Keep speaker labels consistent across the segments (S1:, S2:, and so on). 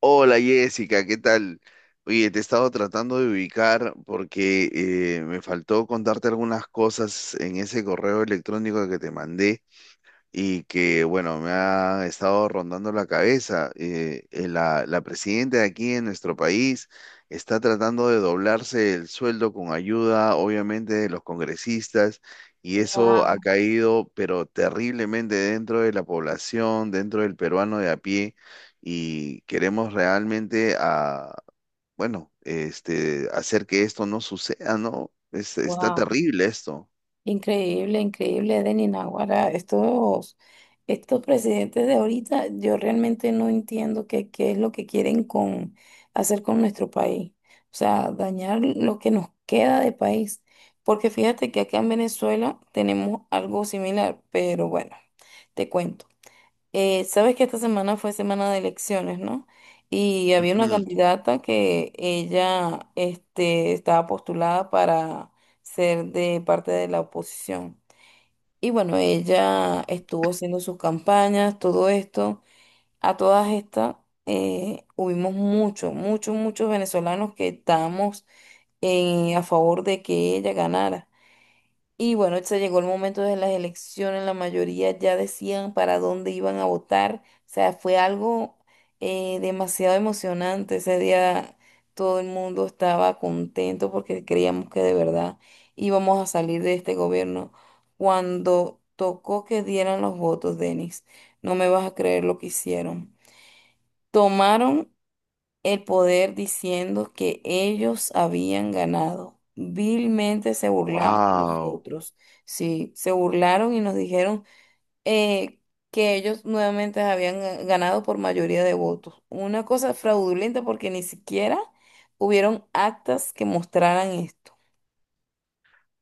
S1: Hola Jessica, ¿qué tal? Oye, te he estado tratando de ubicar porque me faltó contarte algunas cosas en ese correo electrónico que te mandé y que, bueno, me ha estado rondando la cabeza. La presidenta de aquí en nuestro país está tratando de doblarse el sueldo con ayuda, obviamente, de los congresistas, y eso ha
S2: Wow,
S1: caído, pero terriblemente dentro de la población, dentro del peruano de a pie, y queremos realmente a, bueno, hacer que esto no suceda, ¿no? Está
S2: wow,
S1: terrible esto.
S2: increíble, increíble, Denis Naguará. Estos presidentes de ahorita, yo realmente no entiendo qué es lo que quieren con hacer con nuestro país. O sea, dañar lo que nos queda de país. Porque fíjate que acá en Venezuela tenemos algo similar, pero bueno, te cuento. Sabes que esta semana fue semana de elecciones, ¿no? Y había una candidata que ella, este, estaba postulada para ser de parte de la oposición. Y bueno, ella estuvo haciendo sus campañas, todo esto. A todas estas, hubimos muchos, muchos, muchos venezolanos que estábamos a favor de que ella ganara. Y bueno, se llegó el momento de las elecciones, la mayoría ya decían para dónde iban a votar. O sea, fue algo demasiado emocionante. Ese día todo el mundo estaba contento porque creíamos que de verdad íbamos a salir de este gobierno. Cuando tocó que dieran los votos, Denis, no me vas a creer lo que hicieron. Tomaron el poder diciendo que ellos habían ganado. Vilmente se burlaban de los
S1: Wow.
S2: otros. Sí, se burlaron y nos dijeron eh, que ellos nuevamente habían ganado por mayoría de votos. Una cosa fraudulenta porque ni siquiera hubieron actas que mostraran esto.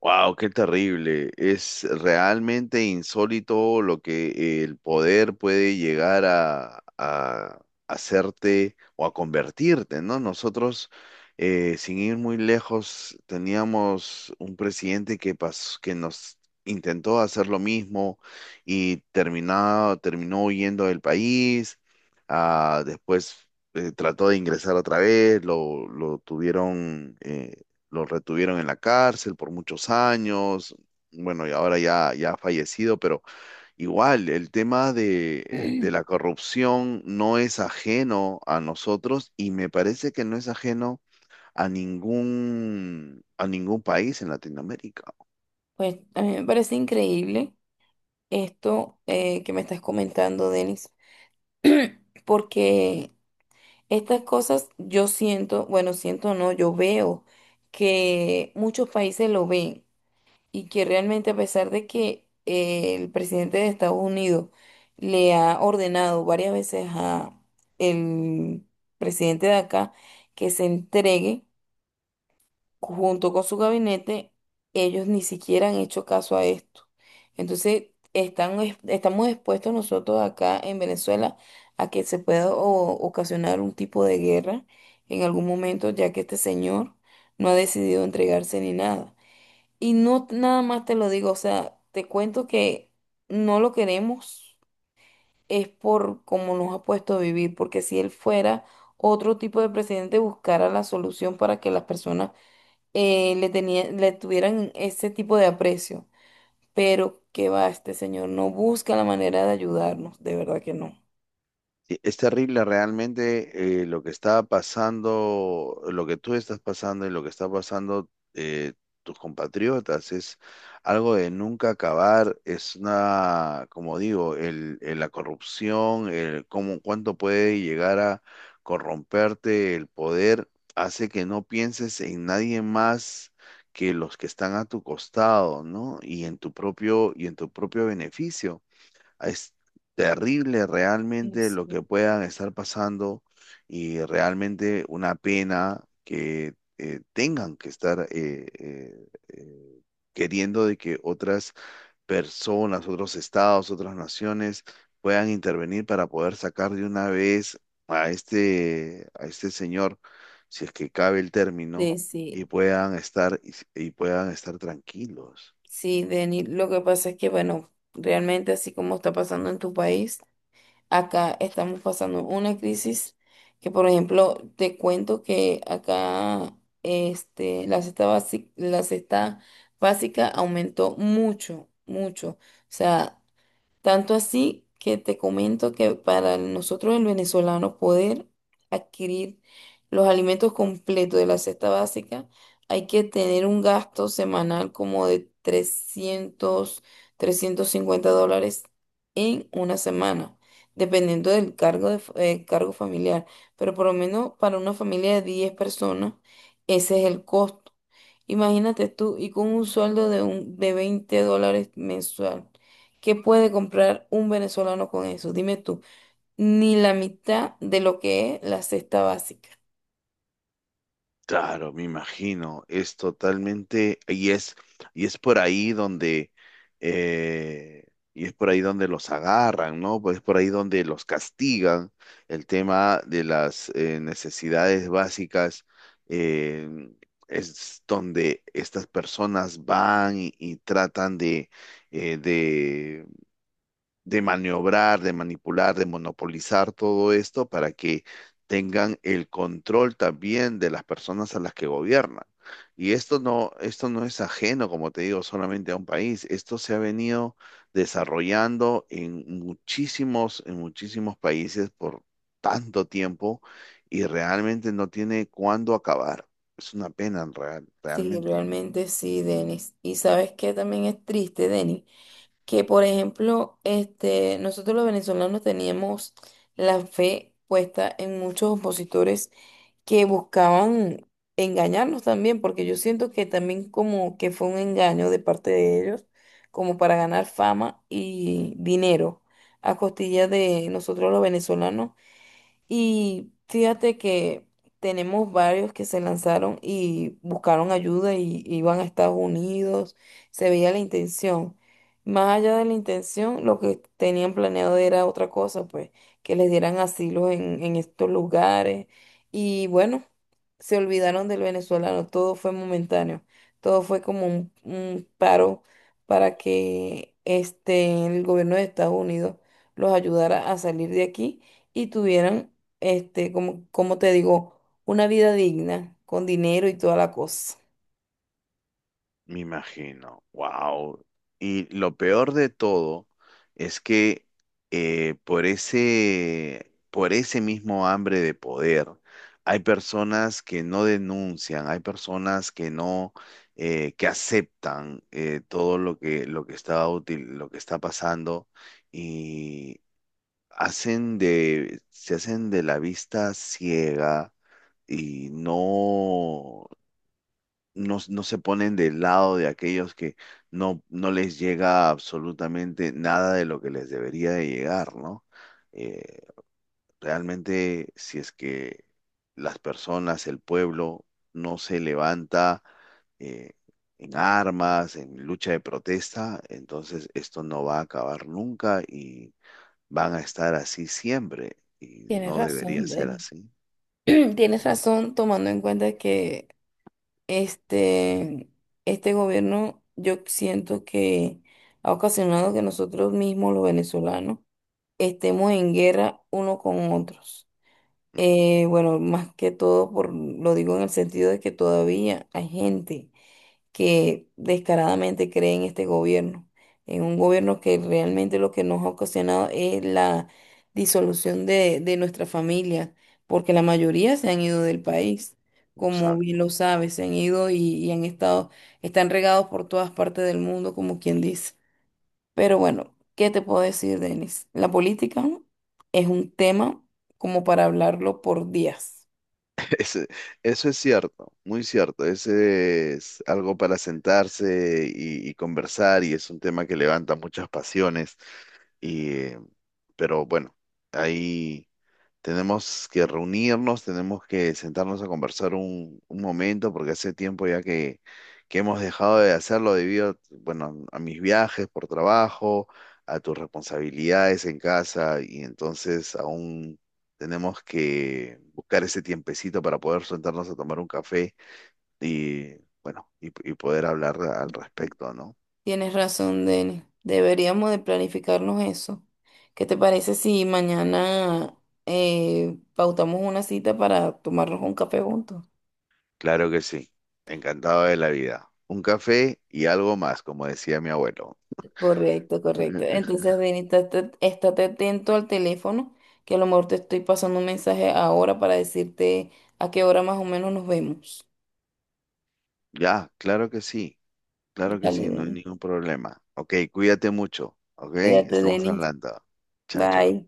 S1: Wow, qué terrible. Es realmente insólito lo que el poder puede llegar a hacerte o a convertirte, ¿no? Nosotros, sin ir muy lejos, teníamos un presidente que que nos intentó hacer lo mismo y terminó huyendo del país. Ah, después trató de ingresar otra vez, lo tuvieron. Lo retuvieron en la cárcel por muchos años, bueno, y ahora ya ha fallecido, pero igual el tema de
S2: Mm.
S1: la corrupción no es ajeno a nosotros y me parece que no es ajeno a ningún país en Latinoamérica.
S2: Pues a mí me parece increíble esto que me estás comentando, Denis, porque estas cosas yo siento, bueno, siento no, yo veo que muchos países lo ven y que realmente a pesar de que el presidente de Estados Unidos le ha ordenado varias veces a el presidente de acá que se entregue, junto con su gabinete, ellos ni siquiera han hecho caso a esto. Entonces, estamos expuestos nosotros acá en Venezuela a que se pueda ocasionar un tipo de guerra en algún momento, ya que este señor no ha decidido entregarse ni nada. Y no nada más te lo digo, o sea, te cuento que no lo queremos, es por cómo nos ha puesto a vivir, porque si él fuera otro tipo de presidente, buscara la solución para que las personas, le tuvieran ese tipo de aprecio. Pero qué va, este señor no busca la manera de ayudarnos, de verdad que no.
S1: Sí, es terrible realmente lo que está pasando, lo que tú estás pasando y lo que está pasando, tus compatriotas. Es algo de nunca acabar. Es una, como digo, la corrupción, el cómo, cuánto puede llegar a corromperte el poder, hace que no pienses en nadie más que los que están a tu costado, ¿no? Y en tu propio, y en tu propio beneficio. Es terrible
S2: No
S1: realmente lo
S2: sé.
S1: que puedan estar pasando y realmente una pena que tengan que estar queriendo de que otras personas, otros estados, otras naciones puedan intervenir para poder sacar de una vez a este señor, si es que cabe el término,
S2: Sí,
S1: y
S2: sí,
S1: puedan estar y puedan estar tranquilos.
S2: sí, Deni, lo que pasa es que, bueno, realmente así como está pasando en tu país, acá estamos pasando una crisis que, por ejemplo, te cuento que acá este, la cesta básica aumentó mucho, mucho. O sea, tanto así que te comento que para nosotros el venezolano poder adquirir los alimentos completos de la cesta básica, hay que tener un gasto semanal como de $350 en una semana, dependiendo del cargo, cargo familiar. Pero por lo menos para una familia de 10 personas, ese es el costo. Imagínate tú, y con un sueldo de $20 mensual. ¿Qué puede comprar un venezolano con eso? Dime tú, ni la mitad de lo que es la cesta básica.
S1: Claro, me imagino, es totalmente, y es por ahí donde, eh, y es por ahí donde los agarran, ¿no? Pues es por ahí donde los castigan, el tema de las necesidades básicas, eh, es donde estas personas van y tratan de, eh, de de maniobrar, de manipular, de monopolizar todo esto para que tengan el control también de las personas a las que gobiernan. Y esto no es ajeno, como te digo, solamente a un país. Esto se ha venido desarrollando en muchísimos países por tanto tiempo y realmente no tiene cuándo acabar. Es una pena, en
S2: Sí,
S1: realmente.
S2: realmente sí, Denis. Y sabes que también es triste, Denis, que por ejemplo, este, nosotros los venezolanos teníamos la fe puesta en muchos opositores que buscaban engañarnos también, porque yo siento que también como que fue un engaño de parte de ellos, como para ganar fama y dinero a costilla de nosotros los venezolanos, y fíjate que tenemos varios que se lanzaron y buscaron ayuda y iban a Estados Unidos. Se veía la intención. Más allá de la intención, lo que tenían planeado era otra cosa, pues, que les dieran asilo en estos lugares. Y bueno, se olvidaron del venezolano. Todo fue momentáneo. Todo fue como un paro para que este, el gobierno de Estados Unidos los ayudara a salir de aquí y tuvieran este, como, como te digo, una vida digna, con dinero y toda la cosa.
S1: Me imagino, wow. Y lo peor de todo es que por ese mismo hambre de poder, hay personas que no denuncian, hay personas que no, que aceptan todo lo que está útil, lo que está pasando y se hacen de la vista ciega y no se ponen del lado de aquellos que no les llega absolutamente nada de lo que les debería de llegar, ¿no? Eh, Realmente, si es que las personas, el pueblo, no se levanta eh, en armas, en lucha de protesta, entonces esto no va a acabar nunca y van a estar así siempre y
S2: Tienes
S1: no debería
S2: razón,
S1: ser
S2: Denny.
S1: así.
S2: Tienes razón, tomando en cuenta que este, este gobierno, yo siento que ha ocasionado que nosotros mismos, los venezolanos, estemos en guerra uno con otros.
S1: Ujú.
S2: Bueno, más que todo, por, lo digo en el sentido de que todavía hay gente que descaradamente cree en este gobierno, en un gobierno que realmente lo que nos ha ocasionado es la disolución de nuestra familia, porque la mayoría se han ido del país, como bien
S1: Exacto.
S2: lo sabes, se han ido y han estado, están regados por todas partes del mundo, como quien dice. Pero bueno, ¿qué te puedo decir, Denis? La política es un tema como para hablarlo por días.
S1: Ese- Eso es cierto, muy cierto. Ese es algo para sentarse y conversar y es un tema que levanta muchas pasiones. Y, eh, pero bueno, ahí. Tenemos que reunirnos, tenemos que sentarnos a conversar un momento, porque hace tiempo ya que hemos dejado de hacerlo debido, bueno, a mis viajes por trabajo, a tus responsabilidades en casa, y entonces aún tenemos que buscar ese tiempecito para poder sentarnos a tomar un café y, bueno, y poder hablar al respecto, ¿no?
S2: Tienes razón, Denis. Deberíamos de planificarnos eso. ¿Qué te parece si mañana pautamos una cita para tomarnos un café juntos?
S1: Claro que sí, encantado de la vida. Un café y algo más, como decía mi abuelo.
S2: Correcto, correcto. Entonces, Denis, estate atento al teléfono, que a lo mejor te estoy pasando un mensaje ahora para decirte a qué hora más o menos nos vemos.
S1: Ya, claro que
S2: Dale,
S1: sí, no hay
S2: Denis.
S1: ningún problema. Ok, cuídate mucho, ok,
S2: Cuídate,
S1: estamos
S2: Denis.
S1: hablando. Chao, chao.
S2: Bye.